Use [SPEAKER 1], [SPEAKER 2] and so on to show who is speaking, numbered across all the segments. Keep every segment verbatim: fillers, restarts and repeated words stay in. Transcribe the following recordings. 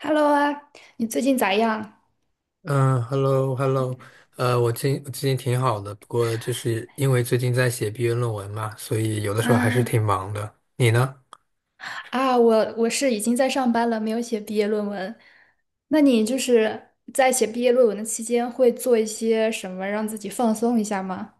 [SPEAKER 1] Hello 啊，你最近咋样？
[SPEAKER 2] 嗯，hello，hello，呃，我今最近挺好的，不过就是因为最近在写毕业论文嘛，所以有的时候还是
[SPEAKER 1] 啊
[SPEAKER 2] 挺忙的。你呢？
[SPEAKER 1] 啊，我我是已经在上班了，没有写毕业论文。那你就是在写毕业论文的期间，会做一些什么让自己放松一下吗？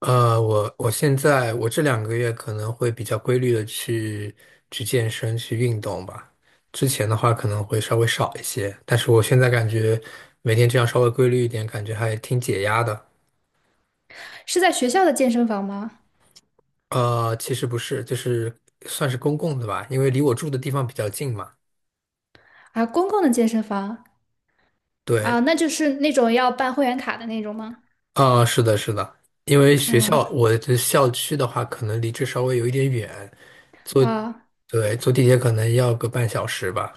[SPEAKER 2] 呃，我我现在我这两个月可能会比较规律的去去健身去运动吧，之前的话可能会稍微少一些，但是我现在感觉每天这样稍微规律一点，感觉还挺解压的。
[SPEAKER 1] 是在学校的健身房吗？
[SPEAKER 2] 呃，其实不是，就是算是公共的吧，因为离我住的地方比较近嘛。
[SPEAKER 1] 啊，公共的健身房
[SPEAKER 2] 对，
[SPEAKER 1] 啊，那就是那种要办会员卡的那种吗？
[SPEAKER 2] 啊，是的，是的，因为学
[SPEAKER 1] 嗯
[SPEAKER 2] 校我的校区的话，可能离这稍微有一点远，坐，
[SPEAKER 1] 啊，
[SPEAKER 2] 对，坐地铁可能要个半小时吧。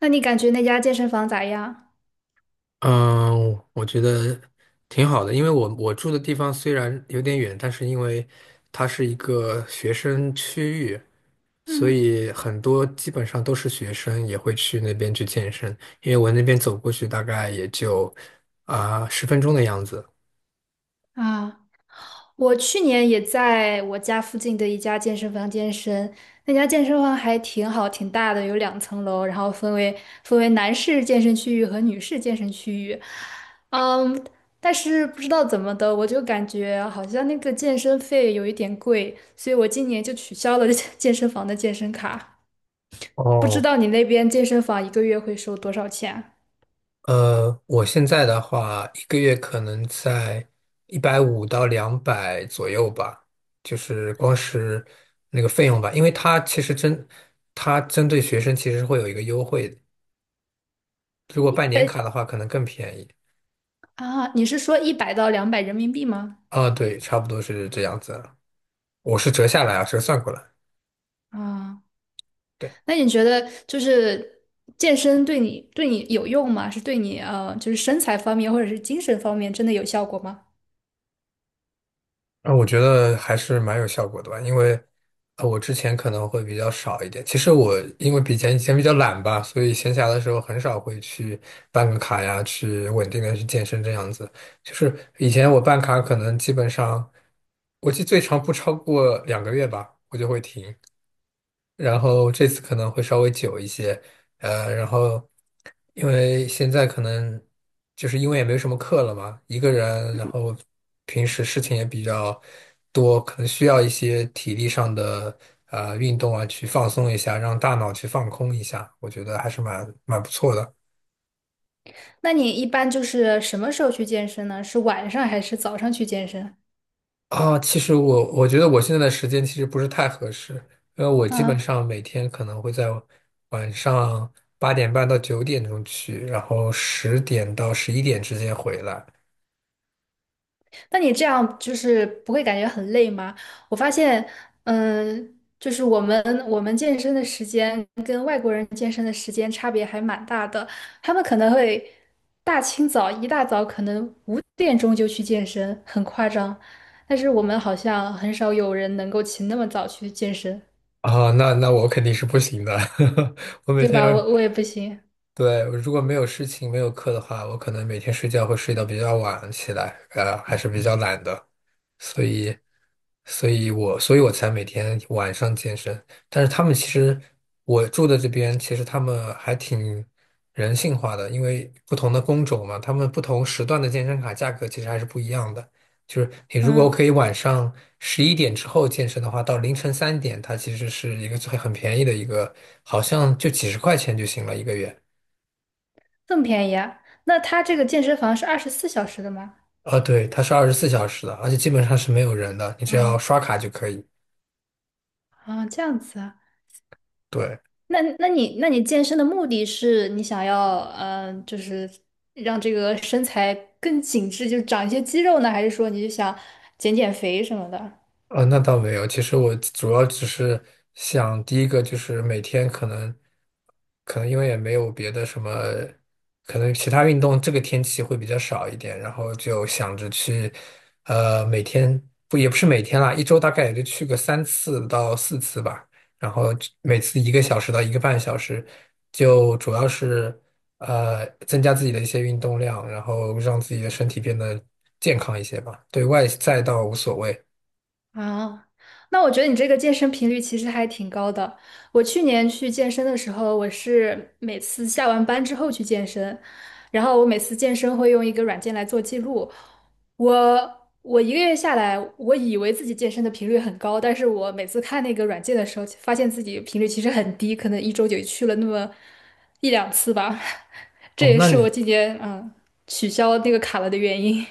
[SPEAKER 1] 那你感觉那家健身房咋样？
[SPEAKER 2] 嗯，我觉得挺好的，因为我我住的地方虽然有点远，但是因为它是一个学生区域，所
[SPEAKER 1] 嗯
[SPEAKER 2] 以很多基本上都是学生也会去那边去健身，因为我那边走过去大概也就啊十分钟的样子。
[SPEAKER 1] 啊。我去年也在我家附近的一家健身房健身，那家健身房还挺好，挺大的，有两层楼，然后分为分为男士健身区域和女士健身区域。嗯，但是不知道怎么的，我就感觉好像那个健身费有一点贵，所以我今年就取消了 健身房的健身卡。不知
[SPEAKER 2] 哦，
[SPEAKER 1] 道你那边健身房一个月会收多少钱？
[SPEAKER 2] 呃，我现在的话，一个月可能在一百五到两百左右吧，就是光是那个费用吧，因为它其实针，它针对学生其实会有一个优惠的如果办年
[SPEAKER 1] 呃
[SPEAKER 2] 卡的话，可能更便宜。
[SPEAKER 1] 啊，你是说一百到两百人民币吗？
[SPEAKER 2] 啊，对，差不多是这样子，我是折下来啊，折算过来。
[SPEAKER 1] 啊。
[SPEAKER 2] 对。
[SPEAKER 1] 那你觉得就是健身对你对你有用吗？是对你呃，就是身材方面或者是精神方面真的有效果吗？
[SPEAKER 2] 啊，我觉得还是蛮有效果的吧，因为呃，我之前可能会比较少一点。其实我因为比前以前比较懒吧，所以闲暇的时候很少会去办个卡呀，去稳定的去健身这样子。就是以前我办卡可能基本上，我记得最长不超过两个月吧，我就会停。然后这次可能会稍微久一些，呃，然后因为现在可能就是因为也没什么课了嘛，一个人，然后平时事情也比较多，可能需要一些体力上的啊运动啊，去放松一下，让大脑去放空一下，我觉得还是蛮蛮不错的。
[SPEAKER 1] 那你一般就是什么时候去健身呢？是晚上还是早上去健身？
[SPEAKER 2] 啊，其实我我觉得我现在的时间其实不是太合适，因为我基本
[SPEAKER 1] 啊？
[SPEAKER 2] 上每天可能会在晚上八点半到九点钟去，然后十点到十一点之间回来。
[SPEAKER 1] 那你这样就是不会感觉很累吗？我发现，嗯，就是我们我们健身的时间跟外国人健身的时间差别还蛮大的。他们可能会大清早一大早可能五点钟就去健身，很夸张。但是我们好像很少有人能够起那么早去健身，
[SPEAKER 2] 啊，那那我肯定是不行的，我每
[SPEAKER 1] 对
[SPEAKER 2] 天
[SPEAKER 1] 吧？
[SPEAKER 2] 要，
[SPEAKER 1] 我我也不行。
[SPEAKER 2] 对，如果没有事情没有课的话，我可能每天睡觉会睡到比较晚起来，呃，还是比较懒的。所以，所以我，所以我才每天晚上健身。但是他们其实，我住的这边其实他们还挺人性化的，因为不同的工种嘛，他们不同时段的健身卡价格其实还是不一样的。就是你如果
[SPEAKER 1] 嗯，
[SPEAKER 2] 可以晚上十一点之后健身的话，到凌晨三点，它其实是一个最很便宜的一个，好像就几十块钱就行了一个月。
[SPEAKER 1] 这么便宜啊？那他这个健身房是二十四小时的吗？
[SPEAKER 2] 啊，对，它是二十四小时的，而且基本上是没有人的，你只要
[SPEAKER 1] 嗯
[SPEAKER 2] 刷卡就可以。
[SPEAKER 1] 啊，这样子啊。
[SPEAKER 2] 对。
[SPEAKER 1] 那那你那你健身的目的是你想要嗯、呃就是让这个身材更紧致，就长一些肌肉呢，还是说你就想减减肥什么的？
[SPEAKER 2] 啊，那倒没有。其实我主要只是想，第一个就是每天可能，可能因为也没有别的什么，可能其他运动这个天气会比较少一点，然后就想着去，呃，每天不也不是每天啦，一周大概也就去个三次到四次吧，然后每次一个小时到一个半小时，就主要是呃增加自己的一些运动量，然后让自己的身体变得健康一些吧。对外在倒无所谓。
[SPEAKER 1] 啊，那我觉得你这个健身频率其实还挺高的。我去年去健身的时候，我是每次下完班之后去健身，然后我每次健身会用一个软件来做记录。我我一个月下来，我以为自己健身的频率很高，但是我每次看那个软件的时候，发现自己频率其实很低，可能一周就去了那么一两次吧。这
[SPEAKER 2] 哦，
[SPEAKER 1] 也
[SPEAKER 2] 那
[SPEAKER 1] 是
[SPEAKER 2] 你
[SPEAKER 1] 我今年嗯取消那个卡了的原因。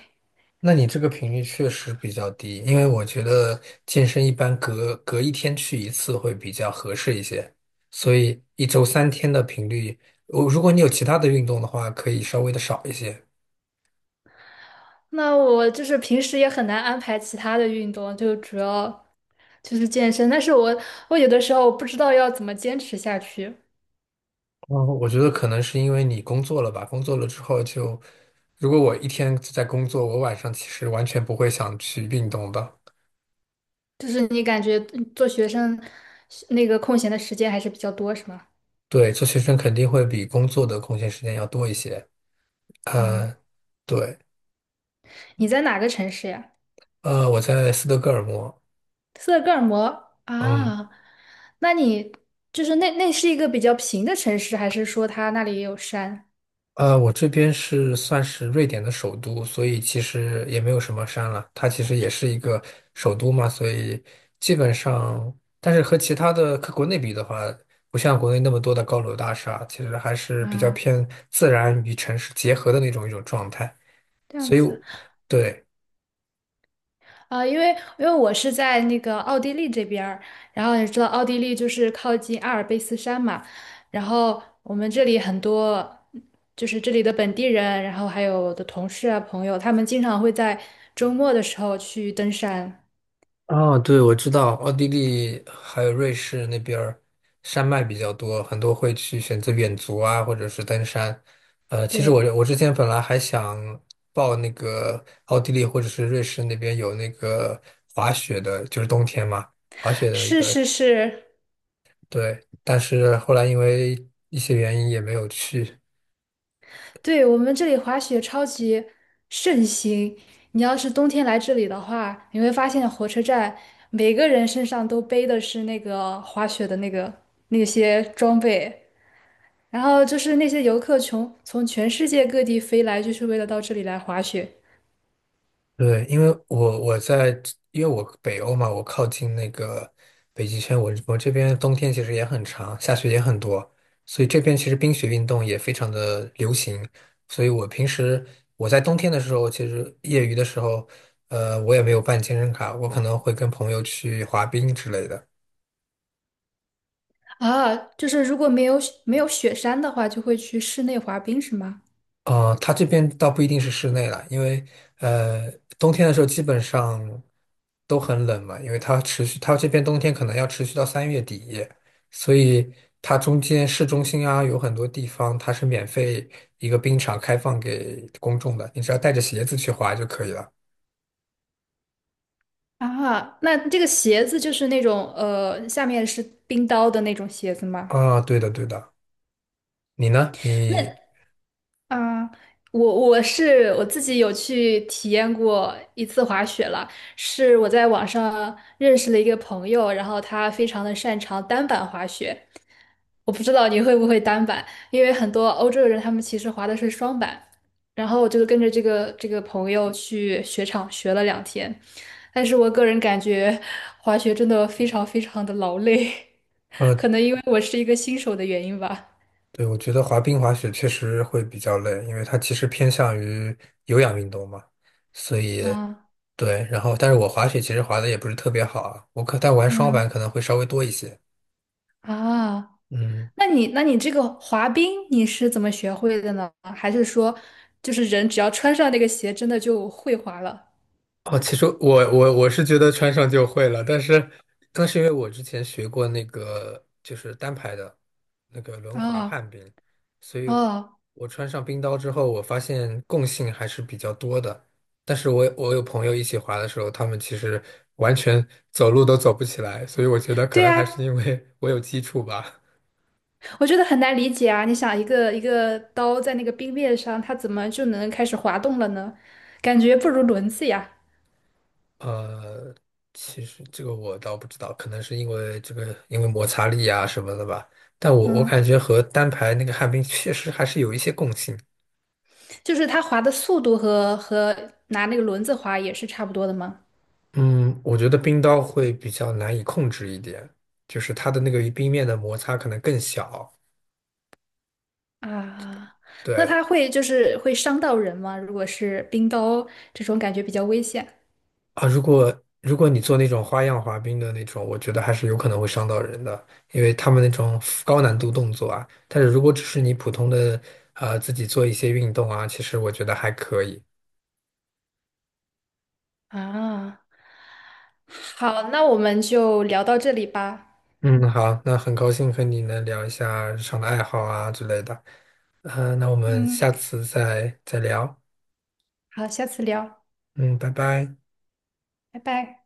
[SPEAKER 2] 那你这个频率确实比较低，因为我觉得健身一般隔隔一天去一次会比较合适一些，所以一周三天的频率，我如果你有其他的运动的话，可以稍微的少一些。
[SPEAKER 1] 那我就是平时也很难安排其他的运动，就主要就是健身。但是我我有的时候不知道要怎么坚持下去，
[SPEAKER 2] 嗯，我觉得可能是因为你工作了吧，工作了之后就，如果我一天都在工作，我晚上其实完全不会想去运动的。
[SPEAKER 1] 就是你感觉嗯做学生那个空闲的时间还是比较多，是吗？
[SPEAKER 2] 对，做学生肯定会比工作的空闲时间要多一些。
[SPEAKER 1] 嗯，
[SPEAKER 2] 呃，对，
[SPEAKER 1] 你在哪个城市呀？
[SPEAKER 2] 呃，我在斯德哥尔摩。
[SPEAKER 1] 斯德哥尔摩
[SPEAKER 2] 嗯。
[SPEAKER 1] 啊？那你就是那那是一个比较平的城市，还是说它那里也有山
[SPEAKER 2] 呃，我这边是算是瑞典的首都，所以其实也没有什么山了。它其实也是一个首都嘛，所以基本上，但是和其他的和国内比的话，不像国内那么多的高楼大厦，其实还是比较
[SPEAKER 1] 啊？
[SPEAKER 2] 偏自然与城市结合的那种一种状态。
[SPEAKER 1] 这样
[SPEAKER 2] 所以
[SPEAKER 1] 子。
[SPEAKER 2] 我对。
[SPEAKER 1] 啊，因为因为我是在那个奥地利这边儿，然后你知道奥地利就是靠近阿尔卑斯山嘛，然后我们这里很多就是这里的本地人，然后还有我的同事啊朋友，他们经常会在周末的时候去登山。
[SPEAKER 2] 哦，对，我知道奥地利还有瑞士那边儿山脉比较多，很多会去选择远足啊，或者是登山。呃，其实我
[SPEAKER 1] 对，
[SPEAKER 2] 我之前本来还想报那个奥地利或者是瑞士那边有那个滑雪的，就是冬天嘛，滑雪的一
[SPEAKER 1] 是
[SPEAKER 2] 个，
[SPEAKER 1] 是是，
[SPEAKER 2] 对，但是后来因为一些原因也没有去。
[SPEAKER 1] 对，我们这里滑雪超级盛行。你要是冬天来这里的话，你会发现火车站每个人身上都背的是那个滑雪的那个那些装备。然后就是那些游客从从全世界各地飞来，就是为了到这里来滑雪
[SPEAKER 2] 对，因为我我在，因为我北欧嘛，我靠近那个北极圈，我我这边冬天其实也很长，下雪也很多，所以这边其实冰雪运动也非常的流行。所以我平时我在冬天的时候，其实业余的时候，呃，我也没有办健身卡，我可能会跟朋友去滑冰之类的。
[SPEAKER 1] 啊。就是如果没有没有雪山的话，就会去室内滑冰，是吗？
[SPEAKER 2] 呃，它这边倒不一定是室内了，因为呃，冬天的时候基本上都很冷嘛，因为它持续，它这边冬天可能要持续到三月底，所以它中间市中心啊，有很多地方它是免费一个冰场开放给公众的，你只要带着鞋子去滑就可以了。
[SPEAKER 1] 啊，那这个鞋子就是那种呃，下面是冰刀的那种鞋子吗？
[SPEAKER 2] 啊，对的对的，你呢？
[SPEAKER 1] 那
[SPEAKER 2] 你
[SPEAKER 1] 啊，我我是我自己有去体验过一次滑雪了，是我在网上认识了一个朋友，然后他非常的擅长单板滑雪。我不知道你会不会单板，因为很多欧洲人他们其实滑的是双板。然后我就跟着这个这个朋友去雪场学了两天，但是我个人感觉滑雪真的非常非常的劳累，
[SPEAKER 2] 呃。
[SPEAKER 1] 可能因为我是一个新手的原因吧。
[SPEAKER 2] 对，我觉得滑冰滑雪确实会比较累，因为它其实偏向于有氧运动嘛，所以
[SPEAKER 1] 啊，
[SPEAKER 2] 对，然后但是我滑雪其实滑的也不是特别好啊，我可但玩双板
[SPEAKER 1] 嗯
[SPEAKER 2] 可能会稍微多一些，
[SPEAKER 1] 啊。
[SPEAKER 2] 嗯。
[SPEAKER 1] 那你那你这个滑冰你是怎么学会的呢？还是说，就是人只要穿上那个鞋，真的就会滑了？
[SPEAKER 2] 哦，其实我我我是觉得穿上就会了，但是那是因为我之前学过那个就是单排的那个轮滑旱
[SPEAKER 1] 啊
[SPEAKER 2] 冰，所以
[SPEAKER 1] 哦，
[SPEAKER 2] 我穿上冰刀之后，我发现共性还是比较多的。但是我我有朋友一起滑的时候，他们其实完全走路都走不起来，所以我觉得可
[SPEAKER 1] 对
[SPEAKER 2] 能还
[SPEAKER 1] 啊，
[SPEAKER 2] 是因为 我有基础吧。
[SPEAKER 1] 我觉得很难理解啊！你想，一个一个刀在那个冰面上，它怎么就能开始滑动了呢？感觉不如轮子呀。
[SPEAKER 2] 呃，其实这个我倒不知道，可能是因为这个因为摩擦力啊什么的吧。但我我
[SPEAKER 1] 嗯，
[SPEAKER 2] 感觉和单排那个旱冰确实还是有一些共性。
[SPEAKER 1] 就是它滑的速度和和拿那个轮子滑也是差不多的吗？
[SPEAKER 2] 嗯，我觉得冰刀会比较难以控制一点，就是它的那个与冰面的摩擦可能更小。
[SPEAKER 1] 啊，那
[SPEAKER 2] 对
[SPEAKER 1] 它会就是会伤到人吗？如果是冰刀这种感觉比较危险
[SPEAKER 2] 啊，如果如果你做那种花样滑冰的那种，我觉得还是有可能会伤到人的，因为他们那种高难度动作啊。但是如果只是你普通的呃自己做一些运动啊，其实我觉得还可以。
[SPEAKER 1] 啊。好，那我们就聊到这里吧。
[SPEAKER 2] 嗯，好，那很高兴和你能聊一下日常的爱好啊之类的。呃，那我们
[SPEAKER 1] 嗯，
[SPEAKER 2] 下次再再聊。
[SPEAKER 1] 好，下次聊，
[SPEAKER 2] 嗯，拜拜。
[SPEAKER 1] 拜拜。